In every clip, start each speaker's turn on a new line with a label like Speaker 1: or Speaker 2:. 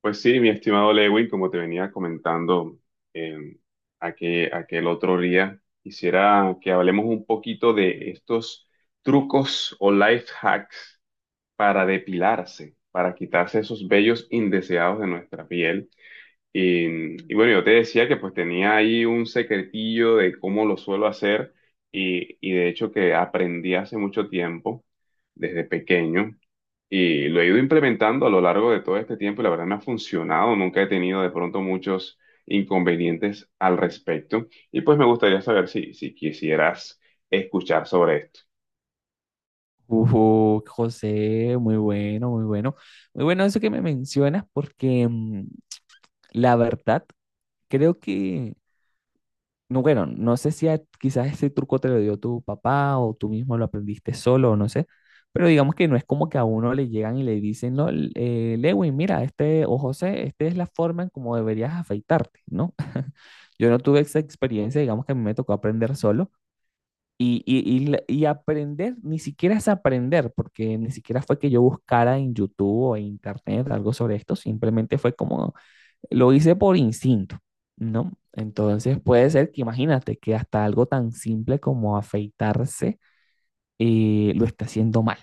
Speaker 1: Pues sí, mi estimado Lewin, como te venía comentando eh, aquel otro día, quisiera que hablemos un poquito de estos trucos o life hacks para depilarse, para quitarse esos vellos indeseados de nuestra piel. Y bueno, yo te decía que pues tenía ahí un secretillo de cómo lo suelo hacer y de hecho que aprendí hace mucho tiempo, desde pequeño. Y lo he ido implementando a lo largo de todo este tiempo y la verdad me ha funcionado. Nunca he tenido de pronto muchos inconvenientes al respecto. Y pues me gustaría saber si quisieras escuchar sobre esto.
Speaker 2: José, muy bueno, muy bueno. Muy bueno eso que me mencionas porque la verdad creo que, no, bueno, no sé si quizás ese truco te lo dio tu papá o tú mismo lo aprendiste solo, o no sé, pero digamos que no es como que a uno le llegan y le dicen, no, Lewin, mira, este, o José, esta es la forma en cómo deberías afeitarte, ¿no? Yo no tuve esa experiencia, digamos que a mí me tocó aprender solo. Y aprender, ni siquiera es aprender, porque ni siquiera fue que yo buscara en YouTube o en Internet algo sobre esto, simplemente fue como lo hice por instinto, ¿no? Entonces puede ser que imagínate que hasta algo tan simple como afeitarse lo está haciendo mal,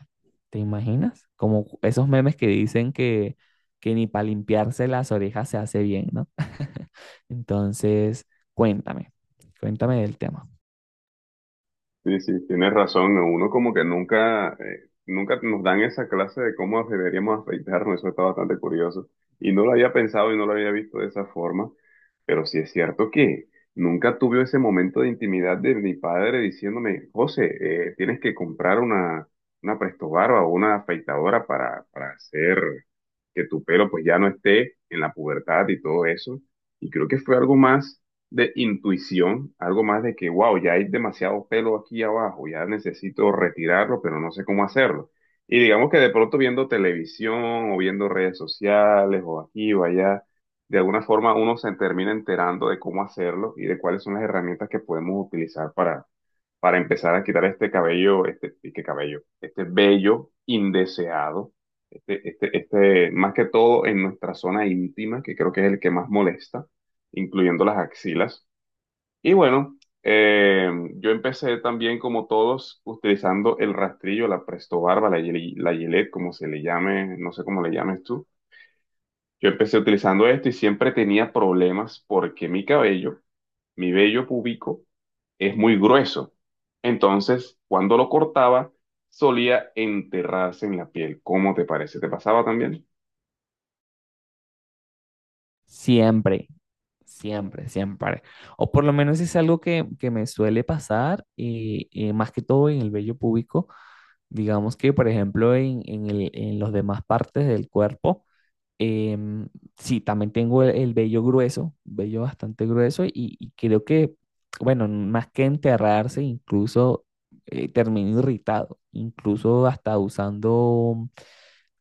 Speaker 2: ¿te imaginas? Como esos memes que dicen que ni para limpiarse las orejas se hace bien, ¿no? Entonces, cuéntame, cuéntame del tema.
Speaker 1: Sí, sí, tienes razón. Uno como que nunca, nunca nos dan esa clase de cómo deberíamos afeitarnos. Eso está bastante curioso. Y no lo había pensado y no lo había visto de esa forma. Pero sí es cierto que nunca tuve ese momento de intimidad de mi padre diciéndome, José, tienes que comprar una prestobarba o una afeitadora para hacer que tu pelo pues ya no esté en la pubertad y todo eso. Y creo que fue algo más de intuición, algo más de que, wow, ya hay demasiado pelo aquí abajo, ya necesito retirarlo, pero no sé cómo hacerlo. Y digamos que de pronto viendo televisión o viendo redes sociales o aquí o allá, de alguna forma uno se termina enterando de cómo hacerlo y de cuáles son las herramientas que podemos utilizar para empezar a quitar este cabello, este, y qué cabello, este vello indeseado, más que todo en nuestra zona íntima, que creo que es el que más molesta incluyendo las axilas. Y bueno, yo empecé también como todos utilizando el rastrillo, la Presto Barba, la Gillette, como se le llame, no sé cómo le llames tú. Yo empecé utilizando esto y siempre tenía problemas porque mi cabello, mi vello púbico, es muy grueso. Entonces, cuando lo cortaba, solía enterrarse en la piel. ¿Cómo te parece? ¿Te pasaba también?
Speaker 2: Siempre. Siempre, siempre. O por lo menos es algo que me suele pasar, y más que todo en el vello púbico. Digamos que, por ejemplo, en los demás partes del cuerpo, em, sí, también tengo el vello grueso, vello bastante grueso, y creo que, bueno, más que enterrarse, incluso termino irritado, incluso hasta usando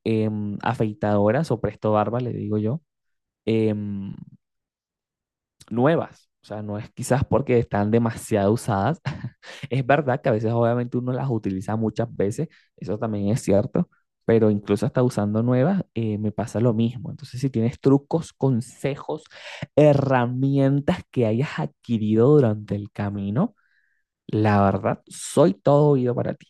Speaker 2: afeitadoras o presto barba, le digo yo. em, Nuevas. O sea, no es quizás porque están demasiado usadas. Es verdad que a veces obviamente uno las utiliza muchas veces, eso también es cierto, pero incluso hasta usando nuevas me pasa lo mismo. Entonces, si tienes trucos, consejos, herramientas que hayas adquirido durante el camino, la verdad, soy todo oído para ti.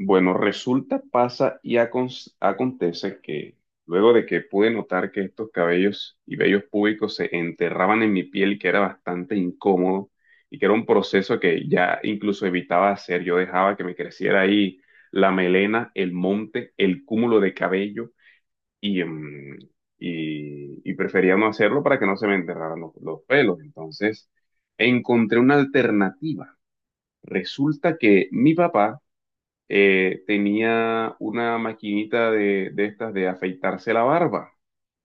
Speaker 1: Bueno, resulta, pasa y acontece que luego de que pude notar que estos cabellos y vellos púbicos se enterraban en mi piel, que era bastante incómodo y que era un proceso que ya incluso evitaba hacer, yo dejaba que me creciera ahí la melena, el monte, el cúmulo de cabello y, y prefería no hacerlo para que no se me enterraran los pelos. Entonces, encontré una alternativa. Resulta que mi papá tenía una maquinita de estas de afeitarse la barba.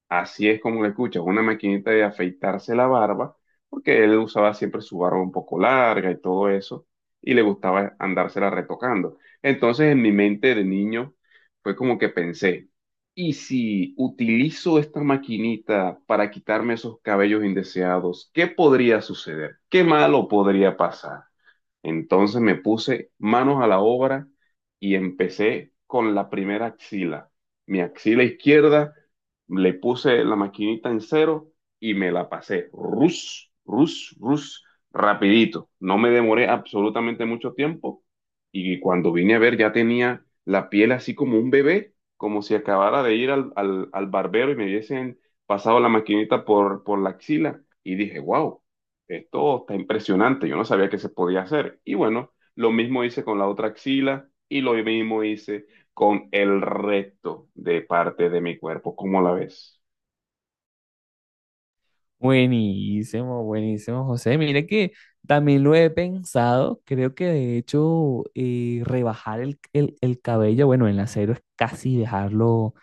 Speaker 1: Así es como lo escuchas, una maquinita de afeitarse la barba, porque él usaba siempre su barba un poco larga y todo eso, y le gustaba andársela retocando. Entonces en mi mente de niño fue como que pensé, ¿y si utilizo esta maquinita para quitarme esos cabellos indeseados? ¿Qué podría suceder? ¿Qué malo podría pasar? Entonces me puse manos a la obra y empecé con la primera axila. Mi axila izquierda, le puse la maquinita en cero y me la pasé. Rus, rus, rus, rapidito. No me demoré absolutamente mucho tiempo y cuando vine a ver ya tenía la piel así como un bebé, como si acabara de ir al barbero y me hubiesen pasado la maquinita por la axila. Y dije, wow, esto está impresionante, yo no sabía que se podía hacer. Y bueno, lo mismo hice con la otra axila y lo mismo hice con el resto de parte de mi cuerpo. ¿Cómo la ves?
Speaker 2: Buenísimo, buenísimo, José. Mira que también lo he pensado. Creo que de hecho rebajar el cabello, bueno, en la cero es casi dejarlo,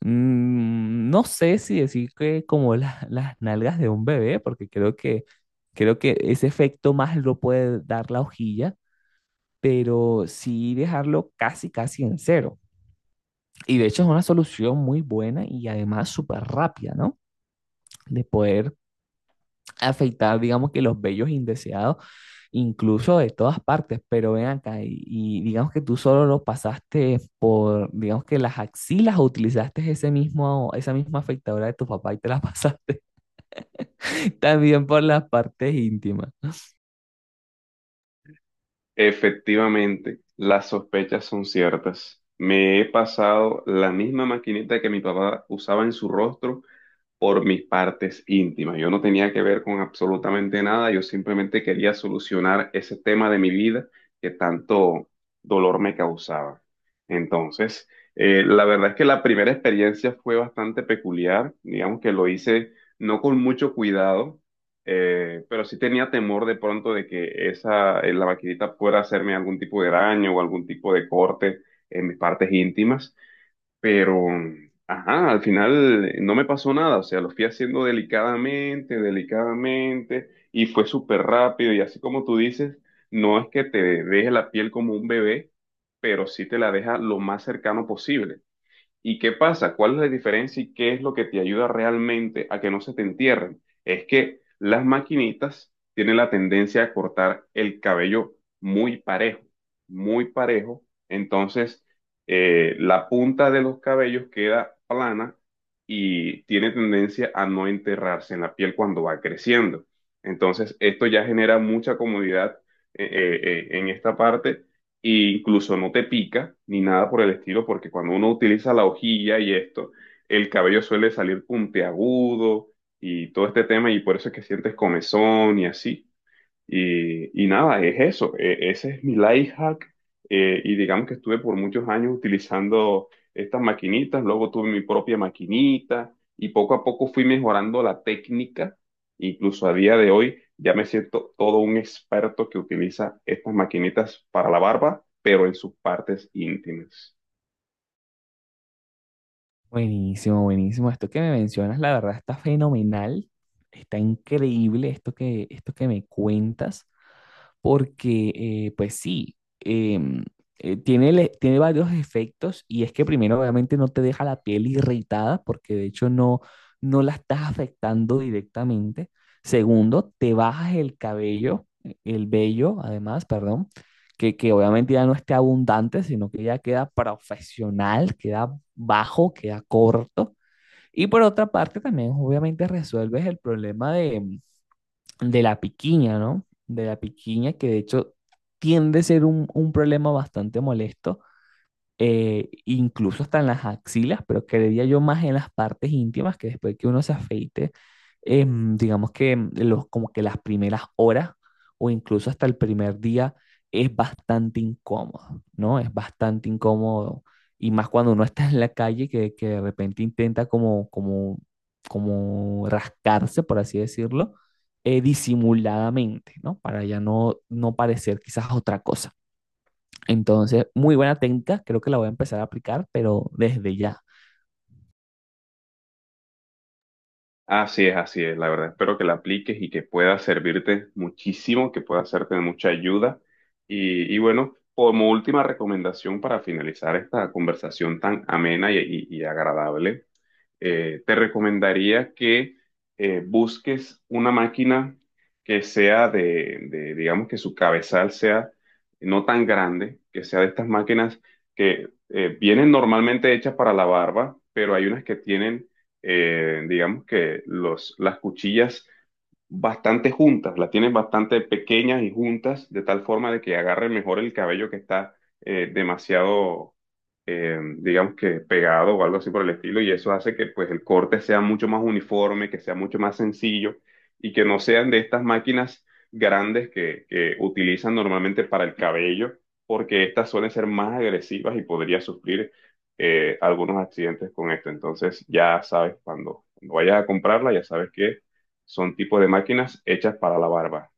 Speaker 2: mm, no sé si decir que como las nalgas de un bebé, porque creo que ese efecto más lo puede dar la hojilla, pero sí dejarlo casi, casi en cero. Y de hecho es una solución muy buena y además súper rápida, ¿no? De poder afectar, digamos que los vellos indeseados, incluso de todas partes, pero ven acá y digamos que tú solo lo pasaste por, digamos que las axilas o utilizaste ese mismo, esa misma afectadora de tu papá y te la pasaste también por las partes íntimas.
Speaker 1: Efectivamente, las sospechas son ciertas. Me he pasado la misma maquinita que mi papá usaba en su rostro por mis partes íntimas. Yo no tenía que ver con absolutamente nada, yo simplemente quería solucionar ese tema de mi vida que tanto dolor me causaba. Entonces, la verdad es que la primera experiencia fue bastante peculiar, digamos que lo hice no con mucho cuidado, pero sí tenía temor de pronto de que esa, la maquinita pudiera hacerme algún tipo de daño o algún tipo de corte en mis partes íntimas. Pero, ajá, al final no me pasó nada, o sea, lo fui haciendo delicadamente, delicadamente, y fue súper rápido, y así como tú dices, no es que te deje la piel como un bebé, pero sí te la deja lo más cercano posible. ¿Y qué pasa? ¿Cuál es la diferencia y qué es lo que te ayuda realmente a que no se te entierren? Es que las maquinitas tienen la tendencia a cortar el cabello muy parejo, muy parejo. Entonces, la punta de los cabellos queda plana y tiene tendencia a no enterrarse en la piel cuando va creciendo. Entonces, esto ya genera mucha comodidad en esta parte e incluso no te pica ni nada por el estilo, porque cuando uno utiliza la hojilla y esto, el cabello suele salir puntiagudo y todo este tema, y por eso es que sientes comezón y así. Y nada, es eso, ese es mi life hack, y digamos que estuve por muchos años utilizando estas maquinitas, luego tuve mi propia maquinita y poco a poco fui mejorando la técnica, incluso a día de hoy ya me siento todo un experto que utiliza estas maquinitas para la barba, pero en sus partes íntimas.
Speaker 2: Buenísimo, buenísimo. Esto que me mencionas, la verdad, está fenomenal, está increíble esto que me cuentas. Porque pues sí, tiene, tiene varios efectos y es que primero obviamente no te deja la piel irritada porque de hecho no, no la estás afectando directamente. Segundo, te bajas el cabello, el vello además, perdón, que obviamente ya no esté abundante, sino que ya queda profesional, queda bajo, queda corto. Y por otra parte también obviamente resuelves el problema de la piquiña, ¿no? De la piquiña, que de hecho tiende a ser un problema bastante molesto incluso hasta en las axilas, pero creería yo más en las partes íntimas, que después que uno se afeite, digamos que los, como que las primeras horas o incluso hasta el primer día es bastante incómodo, ¿no? Es bastante incómodo. Y más cuando uno está en la calle que de repente intenta como, como, como rascarse, por así decirlo, disimuladamente, ¿no? Para ya no, no parecer quizás otra cosa. Entonces, muy buena técnica, creo que la voy a empezar a aplicar, pero desde ya.
Speaker 1: Así es, la verdad. Espero que la apliques y que pueda servirte muchísimo, que pueda hacerte de mucha ayuda. Y bueno, como última recomendación para finalizar esta conversación tan amena y agradable, te recomendaría que busques una máquina que sea de, digamos que su cabezal sea no tan grande, que sea de estas máquinas que vienen normalmente hechas para la barba, pero hay unas que tienen, digamos que las cuchillas bastante juntas, las tienen bastante pequeñas y juntas, de tal forma de que agarre mejor el cabello que está demasiado digamos que pegado o algo así por el estilo, y eso hace que pues el corte sea mucho más uniforme, que sea mucho más sencillo y que no sean de estas máquinas grandes que utilizan normalmente para el cabello, porque estas suelen ser más agresivas y podría sufrir algunos accidentes con esto. Entonces ya sabes, cuando vayas a comprarla, ya sabes que son tipos de máquinas hechas para la barba.